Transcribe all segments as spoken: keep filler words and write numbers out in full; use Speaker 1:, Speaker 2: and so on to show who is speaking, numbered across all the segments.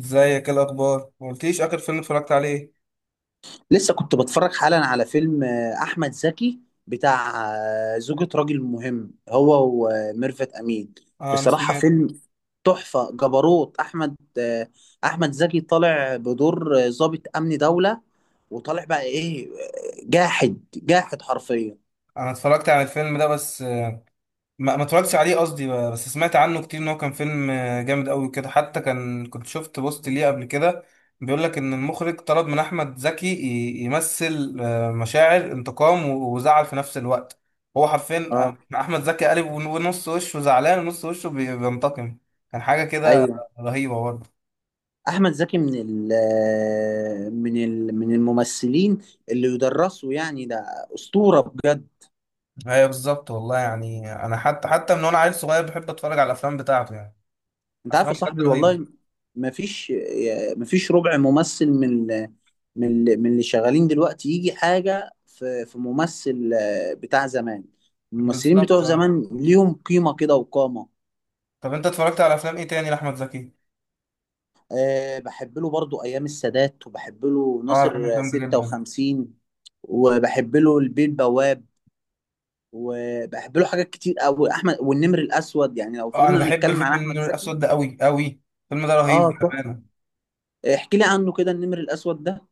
Speaker 1: ازيك؟ ايه الاخبار؟ ما قلتليش اخر فيلم اتفرجت عليه.
Speaker 2: لسه كنت بتفرج حالا على فيلم آه، احمد زكي بتاع آه، زوجة راجل مهم، هو وميرفت امين.
Speaker 1: اه انا
Speaker 2: بصراحة
Speaker 1: سمعت.
Speaker 2: فيلم تحفة جبروت احمد آه، احمد زكي. طالع بدور آه، ضابط امن دولة، وطالع بقى ايه، آه، جاحد، جاحد حرفيا.
Speaker 1: انا اتفرجت على الفيلم ده بس آه، ما ما اتفرجتش عليه قصدي بقى، بس سمعت عنه كتير ان هو كان فيلم آه، جامد قوي كده، حتى كان كنت شفت بوست ليه قبل كده بيقول لك ان المخرج طلب من احمد زكي ي- يمثل آه، مشاعر انتقام و- وزعل في نفس الوقت. هو حرفيا
Speaker 2: اه،
Speaker 1: آه، احمد زكي قالب ون- ونص وشه زعلان ونص وشه بي- بينتقم. كان حاجة كده
Speaker 2: ايوه.
Speaker 1: رهيبة برضه.
Speaker 2: احمد زكي من ال آه، من ال من الممثلين اللي يدرسوا يعني. ده اسطورة بجد.
Speaker 1: ايوه بالظبط والله، يعني انا حتى حتى من وانا عيل صغير بحب اتفرج على الافلام بتاعته يعني،
Speaker 2: انت عارف يا
Speaker 1: افلام بجد
Speaker 2: صاحبي
Speaker 1: رهيبه.
Speaker 2: والله. ما فيش ما فيش ربع ممثل من من من اللي شغالين دلوقتي يجي حاجة في في ممثل آه، بتاع زمان. الممثلين
Speaker 1: بالظبط
Speaker 2: بتوع
Speaker 1: اه.
Speaker 2: زمان ليهم قيمة كده وقامة.
Speaker 1: طب انت اتفرجت على افلام ايه تاني لاحمد زكي؟
Speaker 2: أه، بحب له برضو أيام السادات، وبحب له
Speaker 1: اه انا بحب
Speaker 2: ناصر
Speaker 1: الفيلم ده جدا.
Speaker 2: ستة وخمسين، وبحب له البيه البواب، وبحب له حاجات كتير قوي، أحمد والنمر الأسود. يعني لو
Speaker 1: اه انا
Speaker 2: فضلنا
Speaker 1: بحب
Speaker 2: نتكلم عن
Speaker 1: الفيلم
Speaker 2: أحمد
Speaker 1: النور
Speaker 2: زكي.
Speaker 1: الاسود ده قوي قوي، الفيلم ده
Speaker 2: اه
Speaker 1: رهيب
Speaker 2: صح.
Speaker 1: بامانه.
Speaker 2: احكي لي عنه كده، النمر الأسود ده.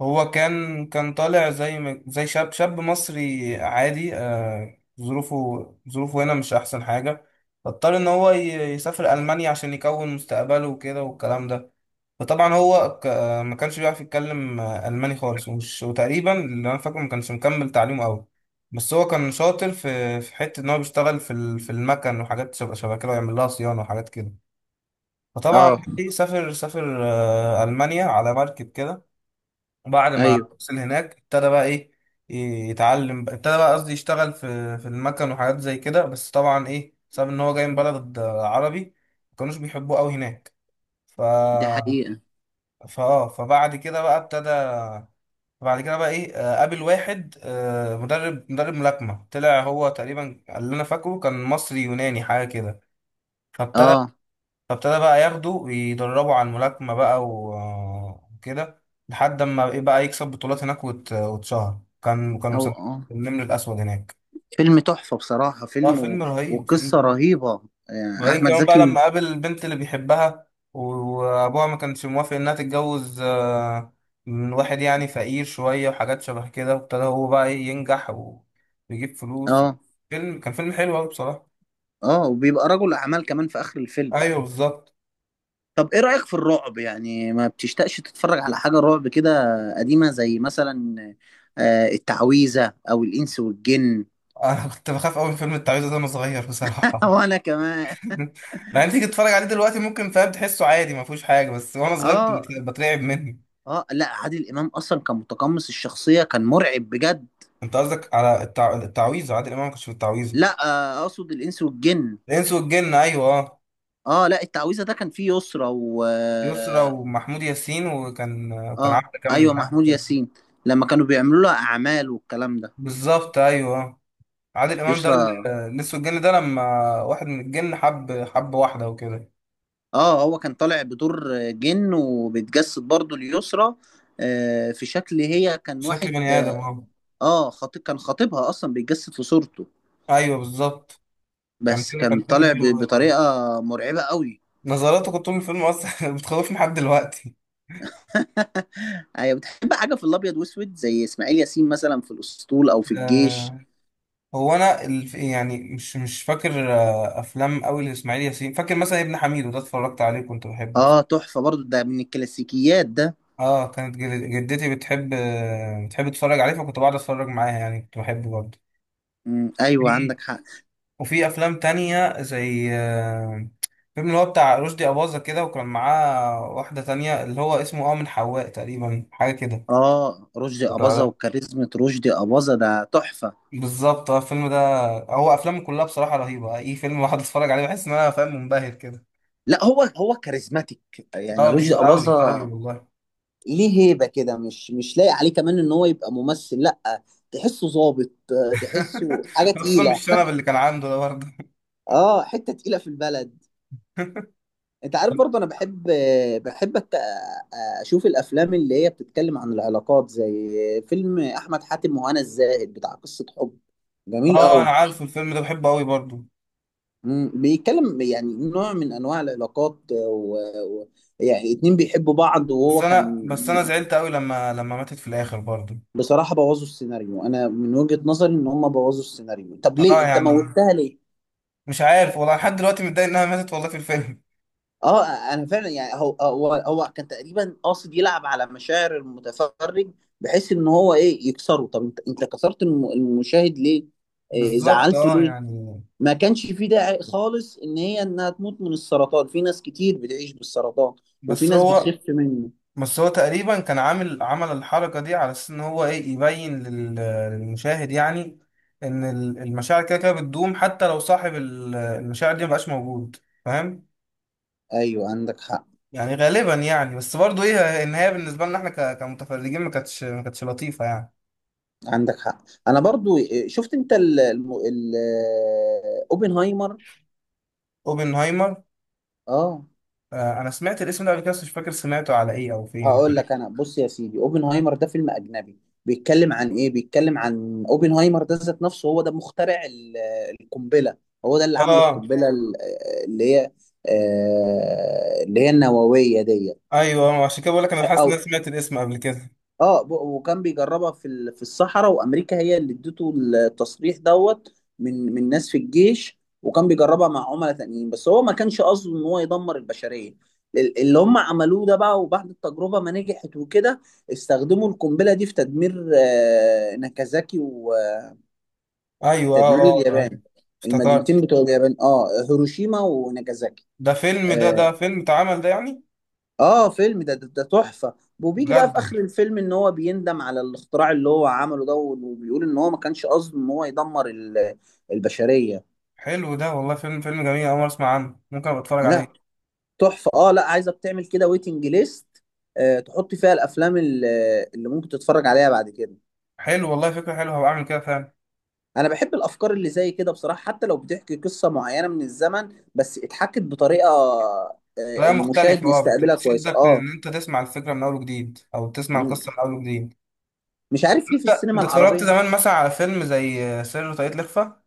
Speaker 1: هو كان كان طالع زي ما- زي شاب شاب مصري عادي، آه ظروفه، ظروفه هنا مش احسن حاجه، فاضطر ان هو ي- يسافر المانيا عشان يكون مستقبله وكده والكلام ده. فطبعا هو ك... ما كانش بيعرف يتكلم آه، الماني خالص، ومش وتقريبا اللي انا فاكره ما كانش مكمل تعليمه قوي. بس هو كان شاطر في في حته ان هو بيشتغل في ال... في المكن وحاجات شبه شبه كده ويعمل لها صيانه وحاجات كده. فطبعا
Speaker 2: اه،
Speaker 1: سافر سافر آه، المانيا على مركب كده، وبعد ما
Speaker 2: ايوه.
Speaker 1: وصل هناك ابتدى بقى ايه، يتعلم، ابتدى بقى قصدي يشتغل في في المكن وحاجات زي كده، بس طبعا ايه بسبب ان هو جاي من بلد آه، عربي، ما كانوش بيحبوه قوي هناك. ف
Speaker 2: دي حقيقة.
Speaker 1: فاه فبعد كده بقى ابتدى، بعد كده بقى ايه آه، قابل واحد آه، مدرب مدرب ملاكمة، طلع هو تقريبا اللي انا فاكره كان مصري يوناني حاجة كده. فابتدى
Speaker 2: اه.
Speaker 1: فابتدى بقى ياخده ويدربه على الملاكمة بقى و- آه، وكده، لحد ما ايه بقى يكسب بطولات هناك وات- واتشهر، كان كانوا
Speaker 2: او
Speaker 1: مسمينه
Speaker 2: اه.
Speaker 1: النمر الأسود هناك.
Speaker 2: فيلم تحفة بصراحة،
Speaker 1: اه
Speaker 2: فيلم و...
Speaker 1: فيلم رهيب،
Speaker 2: وقصة
Speaker 1: فيلم.
Speaker 2: رهيبة. آه،
Speaker 1: وبعدين
Speaker 2: احمد
Speaker 1: كمان بقى
Speaker 2: زكي م-
Speaker 1: لما قابل البنت اللي بيحبها، و- وابوها ما كانش موافق انها تتجوز آه، من واحد يعني فقير شوية وحاجات شبه كده، وابتدى هو بقى إيه ينجح ويجيب فلوس.
Speaker 2: اه.
Speaker 1: فيلم كان فيلم حلو قوي بصراحة.
Speaker 2: اه، وبيبقى رجل اعمال كمان في اخر الفيلم.
Speaker 1: ايوه بالظبط.
Speaker 2: طب ايه رأيك في الرعب؟ يعني ما بتشتاقش تتفرج على حاجة رعب كده قديمة، زي مثلا آه، التعويذة او الانس والجن؟
Speaker 1: انا كنت بخاف قوي من فيلم التعويذة ده وانا صغير بصراحة.
Speaker 2: وانا كمان.
Speaker 1: مع ان تيجي تتفرج عليه دلوقتي ممكن، فاهم، تحسه عادي ما فيهوش حاجة، بس وانا صغير
Speaker 2: اه.
Speaker 1: كنت بترعب منه.
Speaker 2: اه، لا عادل امام اصلا كان متقمص الشخصية، كان مرعب بجد.
Speaker 1: انت قصدك على التع... التعويذة؟ عادل امام ما كانش في التعويذة.
Speaker 2: لا، آه، اقصد الانس والجن.
Speaker 1: الانس والجن ايوه اه.
Speaker 2: اه لا، التعويذة ده كان فيه يسرى و
Speaker 1: يسرا ومحمود ياسين، وكان وكان
Speaker 2: اه
Speaker 1: عبده كامل
Speaker 2: ايوه،
Speaker 1: معاه.
Speaker 2: محمود ياسين، لما كانوا بيعملوا لها اعمال والكلام ده.
Speaker 1: بالظبط ايوه. عادل امام ده
Speaker 2: يسرا.
Speaker 1: ال- لسه الجن ده لما واحد من الجن حب حب واحده وكده،
Speaker 2: اه، هو كان طالع بدور جن وبيتجسد برضه ليسرا، آه في شكل، هي كان
Speaker 1: شكل
Speaker 2: واحد.
Speaker 1: بني ادم اهو.
Speaker 2: اه، خطيب، كان خطيبها اصلا بيتجسد في صورته.
Speaker 1: ايوه بالظبط. كان
Speaker 2: بس
Speaker 1: فيلم،
Speaker 2: كان
Speaker 1: كان فيلم
Speaker 2: طالع
Speaker 1: حلو
Speaker 2: ب-
Speaker 1: أوي برضه.
Speaker 2: بطريقه مرعبه قوي.
Speaker 1: نظراته كنت طول الفيلم اصلا بتخوفني لحد دلوقتي.
Speaker 2: ايوه. بتحب حاجه في الابيض واسود، زي اسماعيل ياسين مثلا في الاسطول او في الجيش؟
Speaker 1: آه. هو انا الف... يعني مش مش فاكر آه افلام قوي لاسماعيل ياسين، فاكر مثلا ابن حميد وده اتفرجت عليه كنت بحبه.
Speaker 2: اه تحفه برضه، ده من الكلاسيكيات ده.
Speaker 1: اه كانت جد- جدتي بتحب بتحب تتفرج عليه فكنت بقعد اتفرج معاها يعني، كنت بحبه برضه.
Speaker 2: مم، ايوه
Speaker 1: في
Speaker 2: عندك حق.
Speaker 1: وفي افلام تانية زي آه، فيلم اللي هو بتاع رشدي أباظة كده، وكان معاه واحدة تانية اللي هو اسمه اه من حواء تقريبا حاجة كده.
Speaker 2: اه رشدي اباظة،
Speaker 1: وتعالى،
Speaker 2: وكاريزما رشدي اباظة ده تحفة.
Speaker 1: بالظبط اه الفيلم ده. هو افلامه كلها بصراحة رهيبة، اي فيلم واحد اتفرج عليه بحس ان انا، فاهم، منبهر كده.
Speaker 2: لا، هو هو كاريزماتيك
Speaker 1: اه
Speaker 2: يعني
Speaker 1: بز...
Speaker 2: رشدي
Speaker 1: اوي اوي
Speaker 2: اباظة.
Speaker 1: والله.
Speaker 2: ليه هيبة كده. مش مش لاقي عليه كمان ان هو يبقى ممثل، لا، تحسه ظابط، آه، تحسه حاجة
Speaker 1: خصوصا
Speaker 2: تقيلة.
Speaker 1: بالشنب اللي كان عنده ده برضه.
Speaker 2: اه، حتة تقيلة في البلد. انت عارف برضه انا بحب، بحب أت- اشوف الافلام اللي هي بتتكلم عن العلاقات، زي فيلم احمد حاتم وهنا الزاهد بتاع قصة حب، جميل
Speaker 1: اه انا
Speaker 2: قوي.
Speaker 1: عارف الفيلم ده بحبه اوي برضه.
Speaker 2: مم، بيتكلم يعني نوع من انواع العلاقات و... و... يعني اتنين بيحبوا بعض،
Speaker 1: بس
Speaker 2: وهو
Speaker 1: انا
Speaker 2: كان
Speaker 1: بس انا زعلت قوي لما لما ماتت في الاخر برضه.
Speaker 2: بصراحة بوظوا السيناريو. انا من وجهة نظري ان هم بوظوا السيناريو. طب ليه
Speaker 1: اه
Speaker 2: انت
Speaker 1: يعني
Speaker 2: موتها ليه؟
Speaker 1: مش عارف والله، لحد دلوقتي متضايق انها ماتت والله في الفيلم.
Speaker 2: اه انا فعلا يعني، هو هو هو كان تقريبا قاصد يلعب على مشاعر المتفرج، بحيث ان هو ايه، يكسره. طب انت انت كسرت الم... المشاهد ليه؟ إيه
Speaker 1: بالظبط
Speaker 2: زعلته
Speaker 1: اه
Speaker 2: ليه؟
Speaker 1: يعني.
Speaker 2: ما كانش في داعي خالص ان هي انها تموت من السرطان. في ناس كتير بتعيش بالسرطان، وفي
Speaker 1: بس
Speaker 2: ناس
Speaker 1: هو
Speaker 2: بتخف منه.
Speaker 1: بس هو تقريبا كان عامل، عمل الحركة دي على اساس ان هو ايه يبين لل- للمشاهد يعني، ان ال- المشاعر كده كده بتدوم حتى لو صاحب ال- المشاعر دي مبقاش موجود. فاهم
Speaker 2: ايوه عندك حق.
Speaker 1: يعني؟ غالبا يعني، بس برضه ايه النهاية بالنسبة لنا احنا ك- كمتفرجين ما كانتش ما كانتش لطيفة يعني.
Speaker 2: عندك حق. انا برضو آه، شفت انت ال الم- ال- آه، اوبنهايمر.
Speaker 1: اوبنهايمر،
Speaker 2: اه،
Speaker 1: آه، انا سمعت الاسم ده قبل كده بس مش فاكر سمعته على ايه او فين
Speaker 2: هقول
Speaker 1: فريق.
Speaker 2: لك. انا بص يا سيدي، اوبنهايمر ده فيلم اجنبي، بيتكلم عن ايه؟ بيتكلم عن اوبنهايمر ده ذات نفسه. هو ده مخترع ال- آه، القنبله. هو ده اللي عمل
Speaker 1: اه
Speaker 2: القنبله ال- آه، اللي هي آه، اللي هي النوويه دي.
Speaker 1: ايوه عشان كده بقول لك انا حاسس
Speaker 2: او
Speaker 1: ان انا سمعت الاسم قبل كده.
Speaker 2: اه. ب- وكان بيجربها في ال- في الصحراء، وامريكا هي اللي ادته التصريح دوت، من من ناس في الجيش. وكان بيجربها مع عملاء تانيين، بس هو ما كانش قصده ان هو يدمر البشريه. ال- اللي هم عملوه ده بقى. وبعد التجربه ما نجحت وكده، استخدموا القنبله دي في تدمير آه، ناكازاكي، وتدمير
Speaker 1: ايوه اه. آه، آه.
Speaker 2: اليابان. المدينتين
Speaker 1: افتكرت.
Speaker 2: بتوع اليابان، اه، هيروشيما وناكازاكي.
Speaker 1: ده فيلم، ده ده
Speaker 2: آه،
Speaker 1: فيلم اتعمل ده يعني؟
Speaker 2: اه، فيلم ده ده, ده تحفة. وبيجي بقى
Speaker 1: بجد؟
Speaker 2: في اخر الفيلم ان هو بيندم على الاختراع اللي هو عمله ده، وبيقول ان هو ما كانش قصده ان هو يدمر ال- البشرية.
Speaker 1: حلو ده والله، فيلم فيلم جميل، أول مرة أسمع عنه، ممكن أبقى أتفرج
Speaker 2: لا
Speaker 1: عليه.
Speaker 2: تحفة. اه لا، عايزك تعمل كده، ويتنج ليست، آه تحط فيها الافلام ال- اللي ممكن تتفرج عليها بعد كده.
Speaker 1: حلو والله، فكرة حلوة، هبقى أعمل كده فعلا.
Speaker 2: انا بحب الافكار اللي زي كده بصراحة، حتى لو بتحكي قصة معينة من الزمن، بس اتحكت بطريقة آه،
Speaker 1: طريقة مختلفة
Speaker 2: المشاهد
Speaker 1: أه، بت-
Speaker 2: يستقبلها كويسة.
Speaker 1: بتشدك
Speaker 2: اه.
Speaker 1: إن أنت تسمع الفكرة من أول وجديد، أو تسمع
Speaker 2: مم.
Speaker 1: القصة من أول وجديد.
Speaker 2: مش عارف ليه في
Speaker 1: أنت
Speaker 2: السينما
Speaker 1: أنت اتفرجت
Speaker 2: العربية.
Speaker 1: زمان مثلا على فيلم زي سر وطاقية الإخفاء؟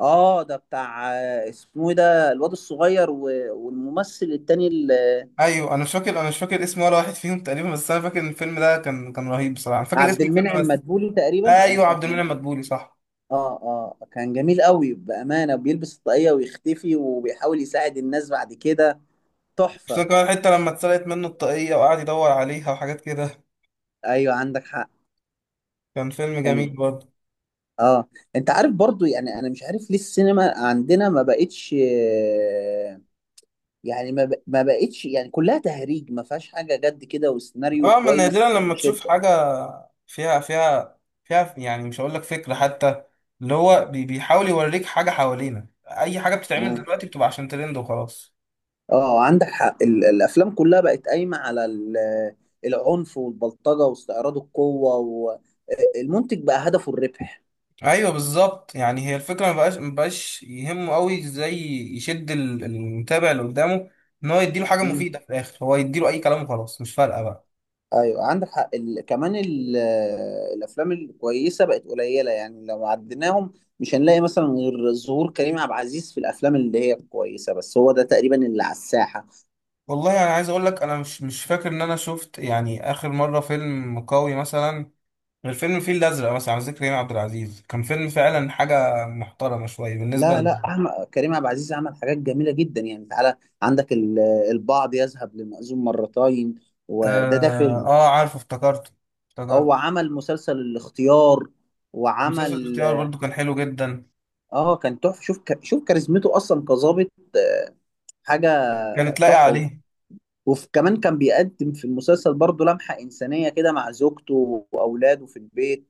Speaker 2: اه ده بتاع آه، اسمه ايه ده، الواد الصغير و- والممثل التاني ال-
Speaker 1: ايوه انا مش فاكر، انا مش فاكر اسم ولا واحد فيهم تقريبا، بس انا فاكر ان الفيلم ده كان كان رهيب بصراحه، انا فاكر
Speaker 2: عبد
Speaker 1: اسم الفيلم
Speaker 2: المنعم
Speaker 1: بس.
Speaker 2: مدبولي تقريبا كان
Speaker 1: ايوه
Speaker 2: اسمه.
Speaker 1: عبد المنعم مدبولي صح.
Speaker 2: اه. اه كان جميل قوي بأمانة، بيلبس الطاقية ويختفي، وبيحاول يساعد الناس بعد كده.
Speaker 1: خصوصا
Speaker 2: تحفة.
Speaker 1: كمان حتى لما اتسرقت منه الطاقيه وقعد يدور عليها وحاجات كده،
Speaker 2: ايوه عندك حق.
Speaker 1: كان فيلم
Speaker 2: كان.
Speaker 1: جميل برضه.
Speaker 2: اه. انت عارف برضو، يعني انا مش عارف ليه السينما عندنا ما بقتش، آه، يعني ما, ب... ما بقتش، يعني كلها تهريج، ما فيهاش حاجة جد كده وسيناريو
Speaker 1: اه من نادرا
Speaker 2: كويس
Speaker 1: لما تشوف
Speaker 2: يشد.
Speaker 1: حاجه فيها فيها فيها يعني، مش هقول لك فكره حتى، اللي هو بي- بيحاول يوريك حاجه حوالينا. اي حاجه بتتعمل دلوقتي بتبقى عشان ترند وخلاص.
Speaker 2: اه عندك حق. ال- الافلام كلها بقت قايمه على ال- العنف والبلطجه واستعراض القوه، والمنتج بقى هدفه الربح.
Speaker 1: ايوه بالظبط يعني، هي الفكره ما بقاش ما بقاش يهمه قوي ازاي يشد ال- المتابع اللي قدامه، ان هو يديله حاجه مفيده
Speaker 2: مم.
Speaker 1: في الاخر، هو يديله اي كلام وخلاص مش فارقه بقى.
Speaker 2: ايوه عندك حق. ال... كمان ال... الافلام الكويسه بقت قليله، يعني لو عديناهم مش هنلاقي مثلا غير ظهور كريم عبد العزيز في الافلام اللي هي كويسه، بس هو ده تقريبا اللي على الساحه.
Speaker 1: والله انا يعني عايز اقول لك انا مش مش فاكر ان انا شفت يعني اخر مره فيلم قوي مثلا، غير فيلم الفيل الازرق مثلا، على ذكر كريم عبد العزيز، كان فيلم فعلا حاجه محترمه شويه بالنسبه
Speaker 2: لا
Speaker 1: ل...
Speaker 2: لا، أحمد كريم عبد العزيز عمل حاجات جميله جدا، يعني تعالى. عندك ال... البعض يذهب لمأذون مرتين، وده ده
Speaker 1: اه,
Speaker 2: فيلم.
Speaker 1: آه عارفه، افتكرته
Speaker 2: اه،
Speaker 1: افتكرته.
Speaker 2: وعمل مسلسل الاختيار،
Speaker 1: مسلسل
Speaker 2: وعمل.
Speaker 1: الاختيار برضو كان حلو جدا.
Speaker 2: اه كان تحفه، شوف ك... شوف كاريزمته اصلا كظابط، آه، حاجه
Speaker 1: كانت لاقي
Speaker 2: تحفه.
Speaker 1: عليه.
Speaker 2: وكمان كان بيقدم في المسلسل برضه لمحه انسانيه كده مع زوجته واولاده في البيت.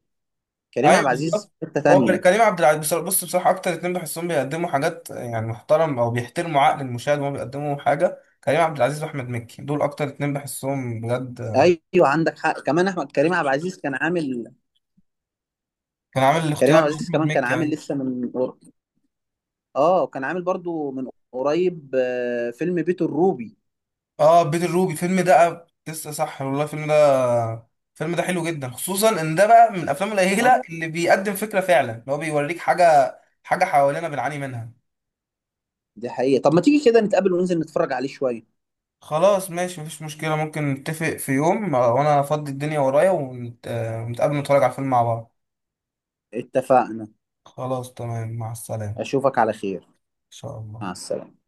Speaker 2: كريم عبد
Speaker 1: ايوه
Speaker 2: العزيز
Speaker 1: بالظبط.
Speaker 2: في حته
Speaker 1: هو كر-
Speaker 2: تانيه.
Speaker 1: كريم عبد العزيز بص بص بصراحه اكتر اتنين بحسهم بيقدموا حاجات يعني محترم، او بيحترموا عقل المشاهد وهو بيقدموا حاجه، كريم عبد العزيز واحمد مكي، دول اكتر اتنين بحسهم بجد.
Speaker 2: ايوه عندك حق. كمان احمد كريم عبد العزيز كان عامل.
Speaker 1: كان عامل
Speaker 2: كريم
Speaker 1: الاختيار
Speaker 2: عبد
Speaker 1: مع
Speaker 2: العزيز
Speaker 1: احمد
Speaker 2: كمان كان
Speaker 1: مكي
Speaker 2: عامل
Speaker 1: يعني.
Speaker 2: لسه من، اه كان عامل برضه من قريب آه، فيلم بيت الروبي.
Speaker 1: اه بيت الروبي الفيلم ده لسه صح والله، الفيلم ده، الفيلم ده حلو جدا، خصوصا ان ده بقى من الافلام
Speaker 2: اه
Speaker 1: القليله اللي بيقدم فكره فعلا، اللي هو بيوريك حاجه، حاجه حوالينا بنعاني منها.
Speaker 2: دي حقيقه. طب ما تيجي كده نتقابل وننزل نتفرج عليه شويه.
Speaker 1: خلاص ماشي مفيش مشكله، ممكن نتفق في يوم آه، وانا افضي الدنيا ورايا ونت- آه، ونتقابل نتفرج على الفيلم مع بعض.
Speaker 2: اتفقنا.
Speaker 1: خلاص تمام، مع السلامة إن
Speaker 2: أشوفك على خير.
Speaker 1: شاء الله.
Speaker 2: مع السلامة.